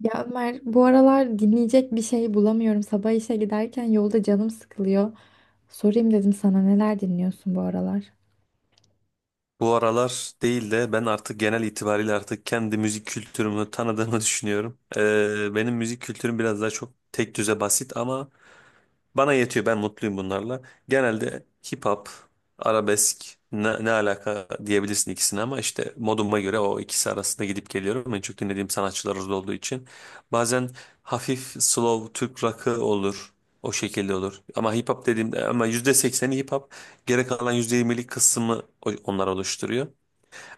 Ya Ömer, bu aralar dinleyecek bir şey bulamıyorum. Sabah işe giderken yolda canım sıkılıyor. Sorayım dedim sana, neler dinliyorsun bu aralar? Bu aralar değil de ben artık genel itibariyle artık kendi müzik kültürümü tanıdığımı düşünüyorum. Benim müzik kültürüm biraz daha çok tek düze basit ama bana yetiyor. Ben mutluyum bunlarla. Genelde hip hop, arabesk ne, ne alaka diyebilirsin ikisine ama işte moduma göre o ikisi arasında gidip geliyorum. En çok dinlediğim sanatçılar orada olduğu için. Bazen hafif slow Türk rock'ı olur. O şekilde olur. Ama hip hop dediğimde ama yüzde sekseni hip hop. Geri kalan %20'lik kısmı onlar oluşturuyor.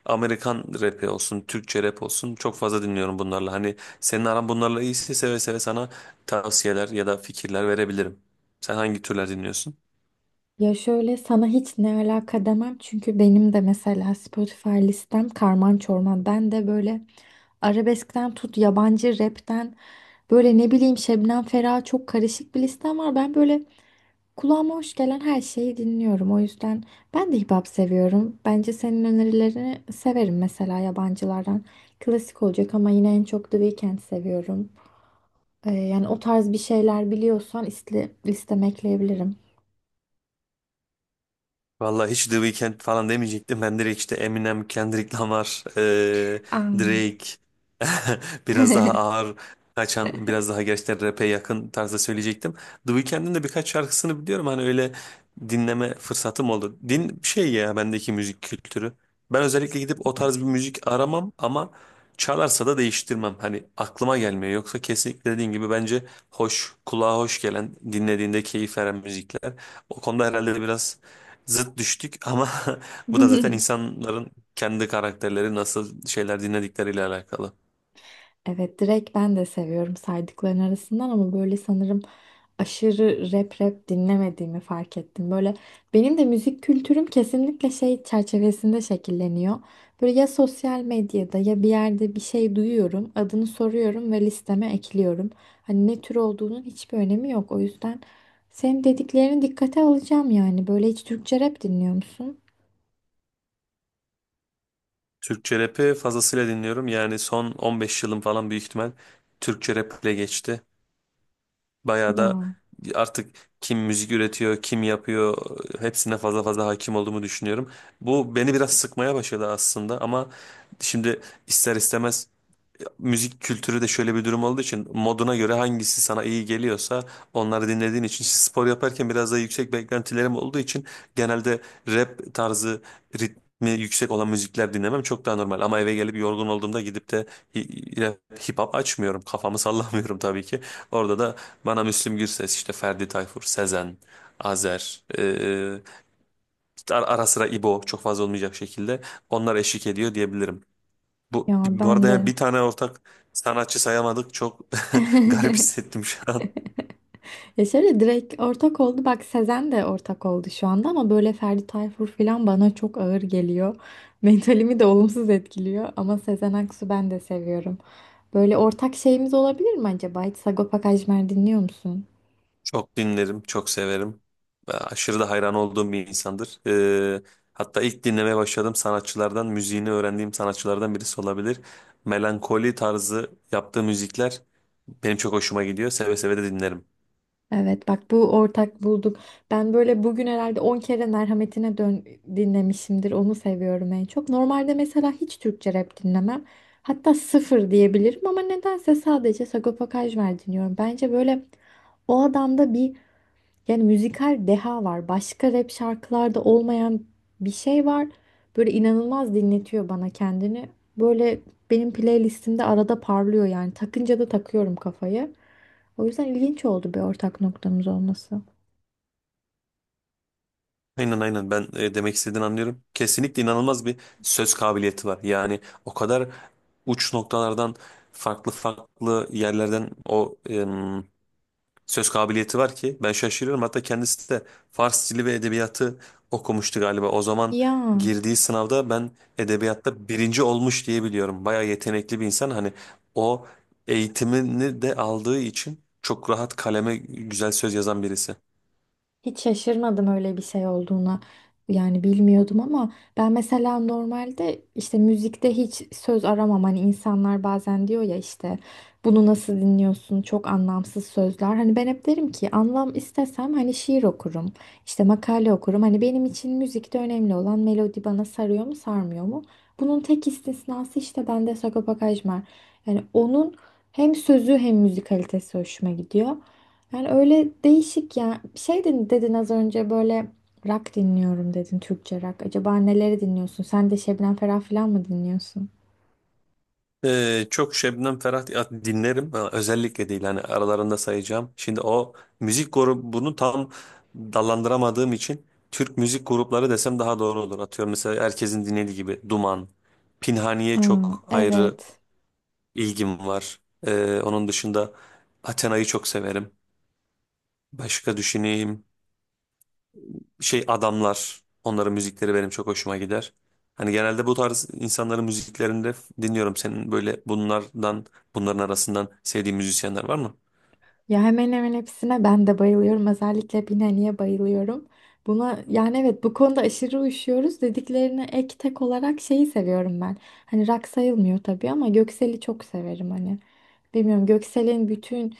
Amerikan rapi olsun, Türkçe rap olsun çok fazla dinliyorum bunlarla. Hani senin aran bunlarla iyiyse seve seve sana tavsiyeler ya da fikirler verebilirim. Sen hangi türler dinliyorsun? Ya şöyle, sana hiç "ne alaka" demem çünkü benim de mesela Spotify listem karman çorman. Ben de böyle arabeskten tut yabancı rapten, böyle ne bileyim, Şebnem Ferah, çok karışık bir listem var. Ben böyle kulağıma hoş gelen her şeyi dinliyorum. O yüzden ben de hip hop seviyorum. Bence senin önerilerini severim mesela, yabancılardan. Klasik olacak ama yine en çok The Weeknd seviyorum. Yani o tarz bir şeyler biliyorsan iste, listeme ekleyebilirim. Vallahi hiç The Weeknd falan demeyecektim. Ben direkt işte Eminem, Kendrick Lamar, Drake biraz Aa. daha ağır kaçan, biraz daha gerçekten rap'e yakın tarzda söyleyecektim. The Weeknd'in de birkaç şarkısını biliyorum. Hani öyle dinleme fırsatım oldu. Şey ya bendeki müzik kültürü. Ben özellikle gidip o tarz bir müzik aramam ama çalarsa da değiştirmem. Hani aklıma gelmiyor. Yoksa kesinlikle dediğin gibi bence hoş, kulağa hoş gelen, dinlediğinde keyif veren müzikler. O konuda herhalde biraz zıt düştük ama bu da zaten insanların kendi karakterleri nasıl şeyler dinledikleriyle alakalı. Evet, direkt ben de seviyorum saydıkların arasından ama böyle sanırım aşırı rap rap dinlemediğimi fark ettim. Böyle benim de müzik kültürüm kesinlikle şey çerçevesinde şekilleniyor. Böyle ya sosyal medyada ya bir yerde bir şey duyuyorum, adını soruyorum ve listeme ekliyorum. Hani ne tür olduğunun hiçbir önemi yok. O yüzden senin dediklerini dikkate alacağım yani. Böyle, hiç Türkçe rap dinliyor musun? Türkçe rap'i fazlasıyla dinliyorum. Yani son 15 yılım falan büyük ihtimal Türkçe rap'le geçti. Bayağı da Ya artık kim müzik üretiyor, kim yapıyor, hepsine fazla fazla hakim olduğumu düşünüyorum. Bu beni biraz sıkmaya başladı aslında ama şimdi ister istemez müzik kültürü de şöyle bir durum olduğu için moduna göre hangisi sana iyi geliyorsa onları dinlediğin için işte spor yaparken biraz daha yüksek beklentilerim olduğu için genelde rap tarzı ritmi yüksek olan müzikler dinlemem çok daha normal ama eve gelip yorgun olduğumda gidip de rap, hip hop açmıyorum, kafamı sallamıyorum tabii ki. Orada da bana Müslüm Gürses, işte Ferdi Tayfur, Sezen, Azer, işte ara sıra İbo, çok fazla olmayacak şekilde onlar eşlik ediyor diyebilirim. Bu, ya bu ben arada yani de. bir tane ortak sanatçı sayamadık. Çok garip hissettim şu an. Ya şöyle, direkt ortak oldu. Bak, Sezen de ortak oldu şu anda ama böyle Ferdi Tayfur falan bana çok ağır geliyor. Mentalimi de olumsuz etkiliyor ama Sezen Aksu ben de seviyorum. Böyle ortak şeyimiz olabilir mi acaba? Hiç Sagopa Kajmer dinliyor musun? Çok dinlerim, çok severim. Ve aşırı da hayran olduğum bir insandır. Hatta ilk dinlemeye başladığım sanatçılardan, müziğini öğrendiğim sanatçılardan birisi olabilir. Melankoli tarzı yaptığı müzikler benim çok hoşuma gidiyor. Seve seve de dinlerim. Evet, bak bu ortak bulduk. Ben böyle bugün herhalde 10 kere Merhametine Dön dinlemişimdir. Onu seviyorum en çok. Normalde mesela hiç Türkçe rap dinlemem. Hatta sıfır diyebilirim ama nedense sadece Sagopa Kajmer dinliyorum. Bence böyle o adamda bir, yani müzikal deha var. Başka rap şarkılarda olmayan bir şey var. Böyle inanılmaz dinletiyor bana kendini. Böyle benim playlistimde arada parlıyor yani. Takınca da takıyorum kafayı. O yüzden ilginç oldu bir ortak noktamız olması. Aynen aynen, ben demek istediğini anlıyorum. Kesinlikle inanılmaz bir söz kabiliyeti var. Yani o kadar uç noktalardan, farklı farklı yerlerden o söz kabiliyeti var ki ben şaşırıyorum. Hatta kendisi de Fars dili ve edebiyatı okumuştu galiba. O zaman Ya. girdiği sınavda ben edebiyatta birinci olmuş diye biliyorum. Bayağı yetenekli bir insan. Hani o eğitimini de aldığı için çok rahat kaleme güzel söz yazan birisi. Hiç şaşırmadım öyle bir şey olduğuna. Yani bilmiyordum ama ben mesela normalde işte müzikte hiç söz aramam. Hani insanlar bazen diyor ya işte, bunu nasıl dinliyorsun, çok anlamsız sözler. Hani ben hep derim ki, anlam istesem hani şiir okurum, işte makale okurum. Hani benim için müzikte önemli olan melodi bana sarıyor mu sarmıyor mu? Bunun tek istisnası işte bende Sagopa Kajmer. Yani onun hem sözü hem müzikalitesi hoşuma gidiyor. Yani öyle değişik ya. Şey dedin az önce böyle, rock dinliyorum dedin, Türkçe rock. Acaba neleri dinliyorsun? Sen de Şebnem Ferah falan mı dinliyorsun? Çok Şebnem Ferah dinlerim. Ha, özellikle değil hani aralarında sayacağım. Şimdi o müzik grubunu tam dallandıramadığım için Türk müzik grupları desem daha doğru olur. Atıyorum mesela herkesin dinlediği gibi Duman, Pinhaniye Aa, çok ayrı evet. ilgim var. Onun dışında Athena'yı çok severim. Başka düşüneyim. Şey adamlar. Onların müzikleri benim çok hoşuma gider. Hani genelde bu tarz insanların müziklerini dinliyorum. Senin böyle bunlardan, bunların arasından sevdiğin müzisyenler var mı? Ya hemen hemen hepsine ben de bayılıyorum. Özellikle Binali'ye bayılıyorum. Buna, yani evet, bu konuda aşırı uyuşuyoruz. Dediklerine ek tek olarak şeyi seviyorum ben. Hani rock sayılmıyor tabii ama Göksel'i çok severim hani. Bilmiyorum, Göksel'in bütün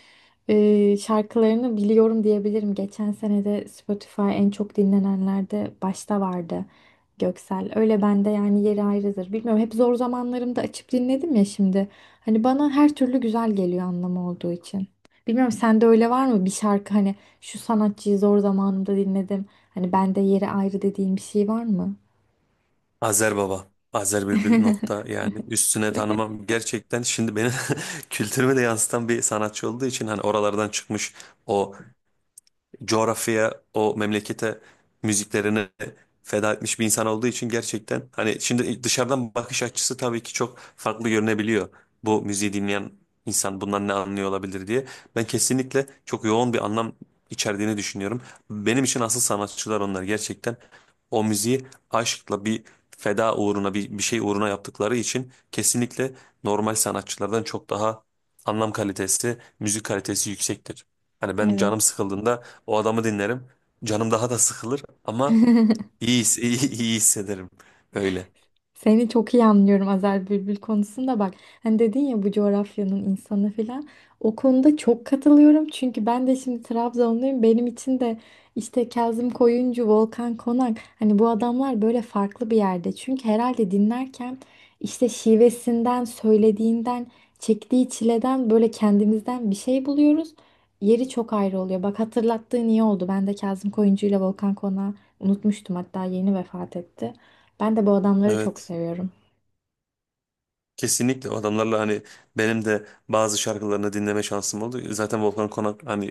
Şarkılarını biliyorum diyebilirim. Geçen sene de Spotify en çok dinlenenlerde başta vardı Göksel. Öyle, bende yani yeri ayrıdır. Bilmiyorum, hep zor zamanlarımda açıp dinledim ya şimdi. Hani bana her türlü güzel geliyor, anlamı olduğu için. Bilmiyorum sende öyle var mı bir şarkı, hani şu sanatçıyı zor zamanımda dinledim, hani bende yeri ayrı dediğim bir şey var mı? Azer Baba. Azer Bülbül nokta yani üstüne tanımam gerçekten, şimdi beni kültürüme de yansıtan bir sanatçı olduğu için hani oralardan çıkmış o coğrafyaya, o memlekete müziklerini feda etmiş bir insan olduğu için gerçekten, hani şimdi dışarıdan bakış açısı tabii ki çok farklı görünebiliyor. Bu müziği dinleyen insan bundan ne anlıyor olabilir diye. Ben kesinlikle çok yoğun bir anlam içerdiğini düşünüyorum. Benim için asıl sanatçılar onlar gerçekten. O müziği aşkla, bir feda uğruna, bir şey uğruna yaptıkları için kesinlikle normal sanatçılardan çok daha anlam kalitesi, müzik kalitesi yüksektir. Hani ben canım Evet. sıkıldığında o adamı dinlerim. Canım daha da sıkılır ama iyi hissederim. Öyle. Seni çok iyi anlıyorum Azer Bülbül konusunda bak. Hani dedin ya, bu coğrafyanın insanı falan. O konuda çok katılıyorum. Çünkü ben de şimdi Trabzonluyum. Benim için de işte Kazım Koyuncu, Volkan Konak. Hani bu adamlar böyle farklı bir yerde. Çünkü herhalde dinlerken işte şivesinden, söylediğinden, çektiği çileden böyle kendimizden bir şey buluyoruz. Yeri çok ayrı oluyor. Bak hatırlattığın iyi oldu. Ben de Kazım Koyuncu ile Volkan Konak'ı unutmuştum. Hatta yeni vefat etti. Ben de bu adamları çok Evet. seviyorum. Kesinlikle o adamlarla hani benim de bazı şarkılarını dinleme şansım oldu. Zaten Volkan Konak hani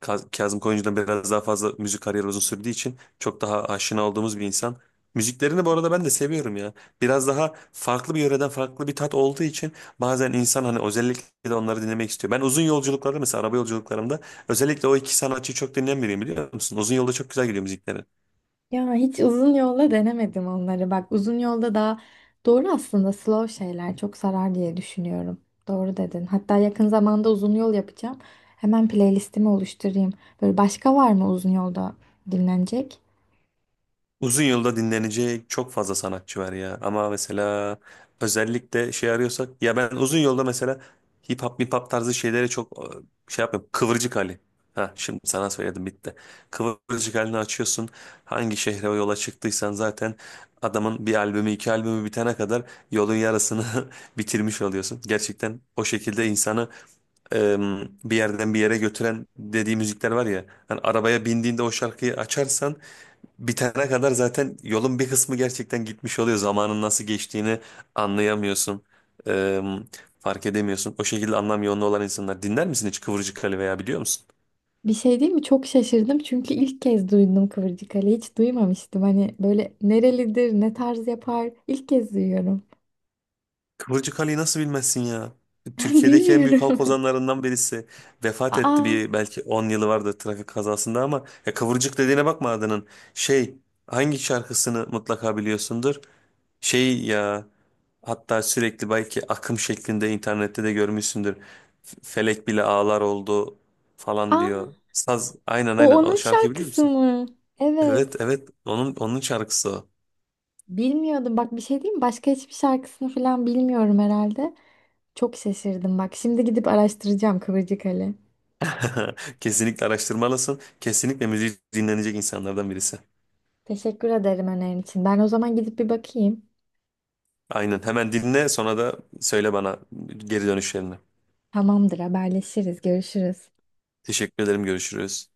Kazım Koyuncu'dan biraz daha fazla müzik kariyeri uzun sürdüğü için çok daha aşina olduğumuz bir insan. Müziklerini bu arada ben de seviyorum ya. Biraz daha farklı bir yöreden farklı bir tat olduğu için bazen insan hani özellikle de onları dinlemek istiyor. Ben uzun yolculuklarda mesela araba yolculuklarımda özellikle o iki sanatçıyı çok dinleyen biriyim biliyor musun? Uzun yolda çok güzel gidiyor müzikleri. Ya hiç uzun yolda denemedim onları. Bak, uzun yolda daha doğru aslında, slow şeyler çok sarar diye düşünüyorum. Doğru dedin. Hatta yakın zamanda uzun yol yapacağım. Hemen playlistimi oluşturayım. Böyle başka var mı uzun yolda dinlenecek? Uzun yılda dinlenecek çok fazla sanatçı var ya. Ama mesela özellikle şey arıyorsak, ya ben uzun yolda mesela hip hop tarzı şeylere çok şey yapmıyorum. Kıvırcık Ali. Ha şimdi sana söyledim bitti. Kıvırcık halini açıyorsun. Hangi şehre o yola çıktıysan zaten adamın bir albümü iki albümü bitene kadar yolun yarısını bitirmiş oluyorsun. Gerçekten o şekilde insanı e, bir yerden bir yere götüren dediği müzikler var ya. Hani arabaya bindiğinde o şarkıyı açarsan bitene kadar zaten yolun bir kısmı gerçekten gitmiş oluyor. Zamanın nasıl geçtiğini anlayamıyorsun. Eee, Fark edemiyorsun. O şekilde anlam yoğunluğu olan insanlar. Dinler misin hiç Kıvırcık Ali veya biliyor musun? Bir şey değil mi? Çok şaşırdım çünkü ilk kez duydum Kıvırcık Ali. Hiç duymamıştım. Hani böyle nerelidir, ne tarz yapar? İlk kez duyuyorum. Kıvırcık Ali'yi nasıl bilmezsin ya? Türkiye'deki en büyük halk Bilmiyorum. ozanlarından birisi. Vefat etti, Aa, bir belki 10 yılı vardı, trafik kazasında ama ya Kıvırcık dediğine bakma adının. Şey, hangi şarkısını mutlaka biliyorsundur? Şey ya, hatta sürekli belki akım şeklinde internette de görmüşsündür. Felek bile ağlar oldu falan aa, diyor. Saz, aynen o aynen, onun o şarkıyı biliyor şarkısı musun? mı? Evet. Evet evet, onun şarkısı o. Bilmiyordum. Bak bir şey diyeyim mi? Başka hiçbir şarkısını falan bilmiyorum herhalde. Çok şaşırdım bak. Şimdi gidip araştıracağım Kıvırcık Ali. Kesinlikle araştırmalısın. Kesinlikle müziği dinlenecek insanlardan birisi. Teşekkür ederim önerin için. Ben o zaman gidip bir bakayım. Aynen, hemen dinle sonra da söyle bana geri dönüşlerini. Tamamdır, haberleşiriz. Görüşürüz. Teşekkür ederim, görüşürüz.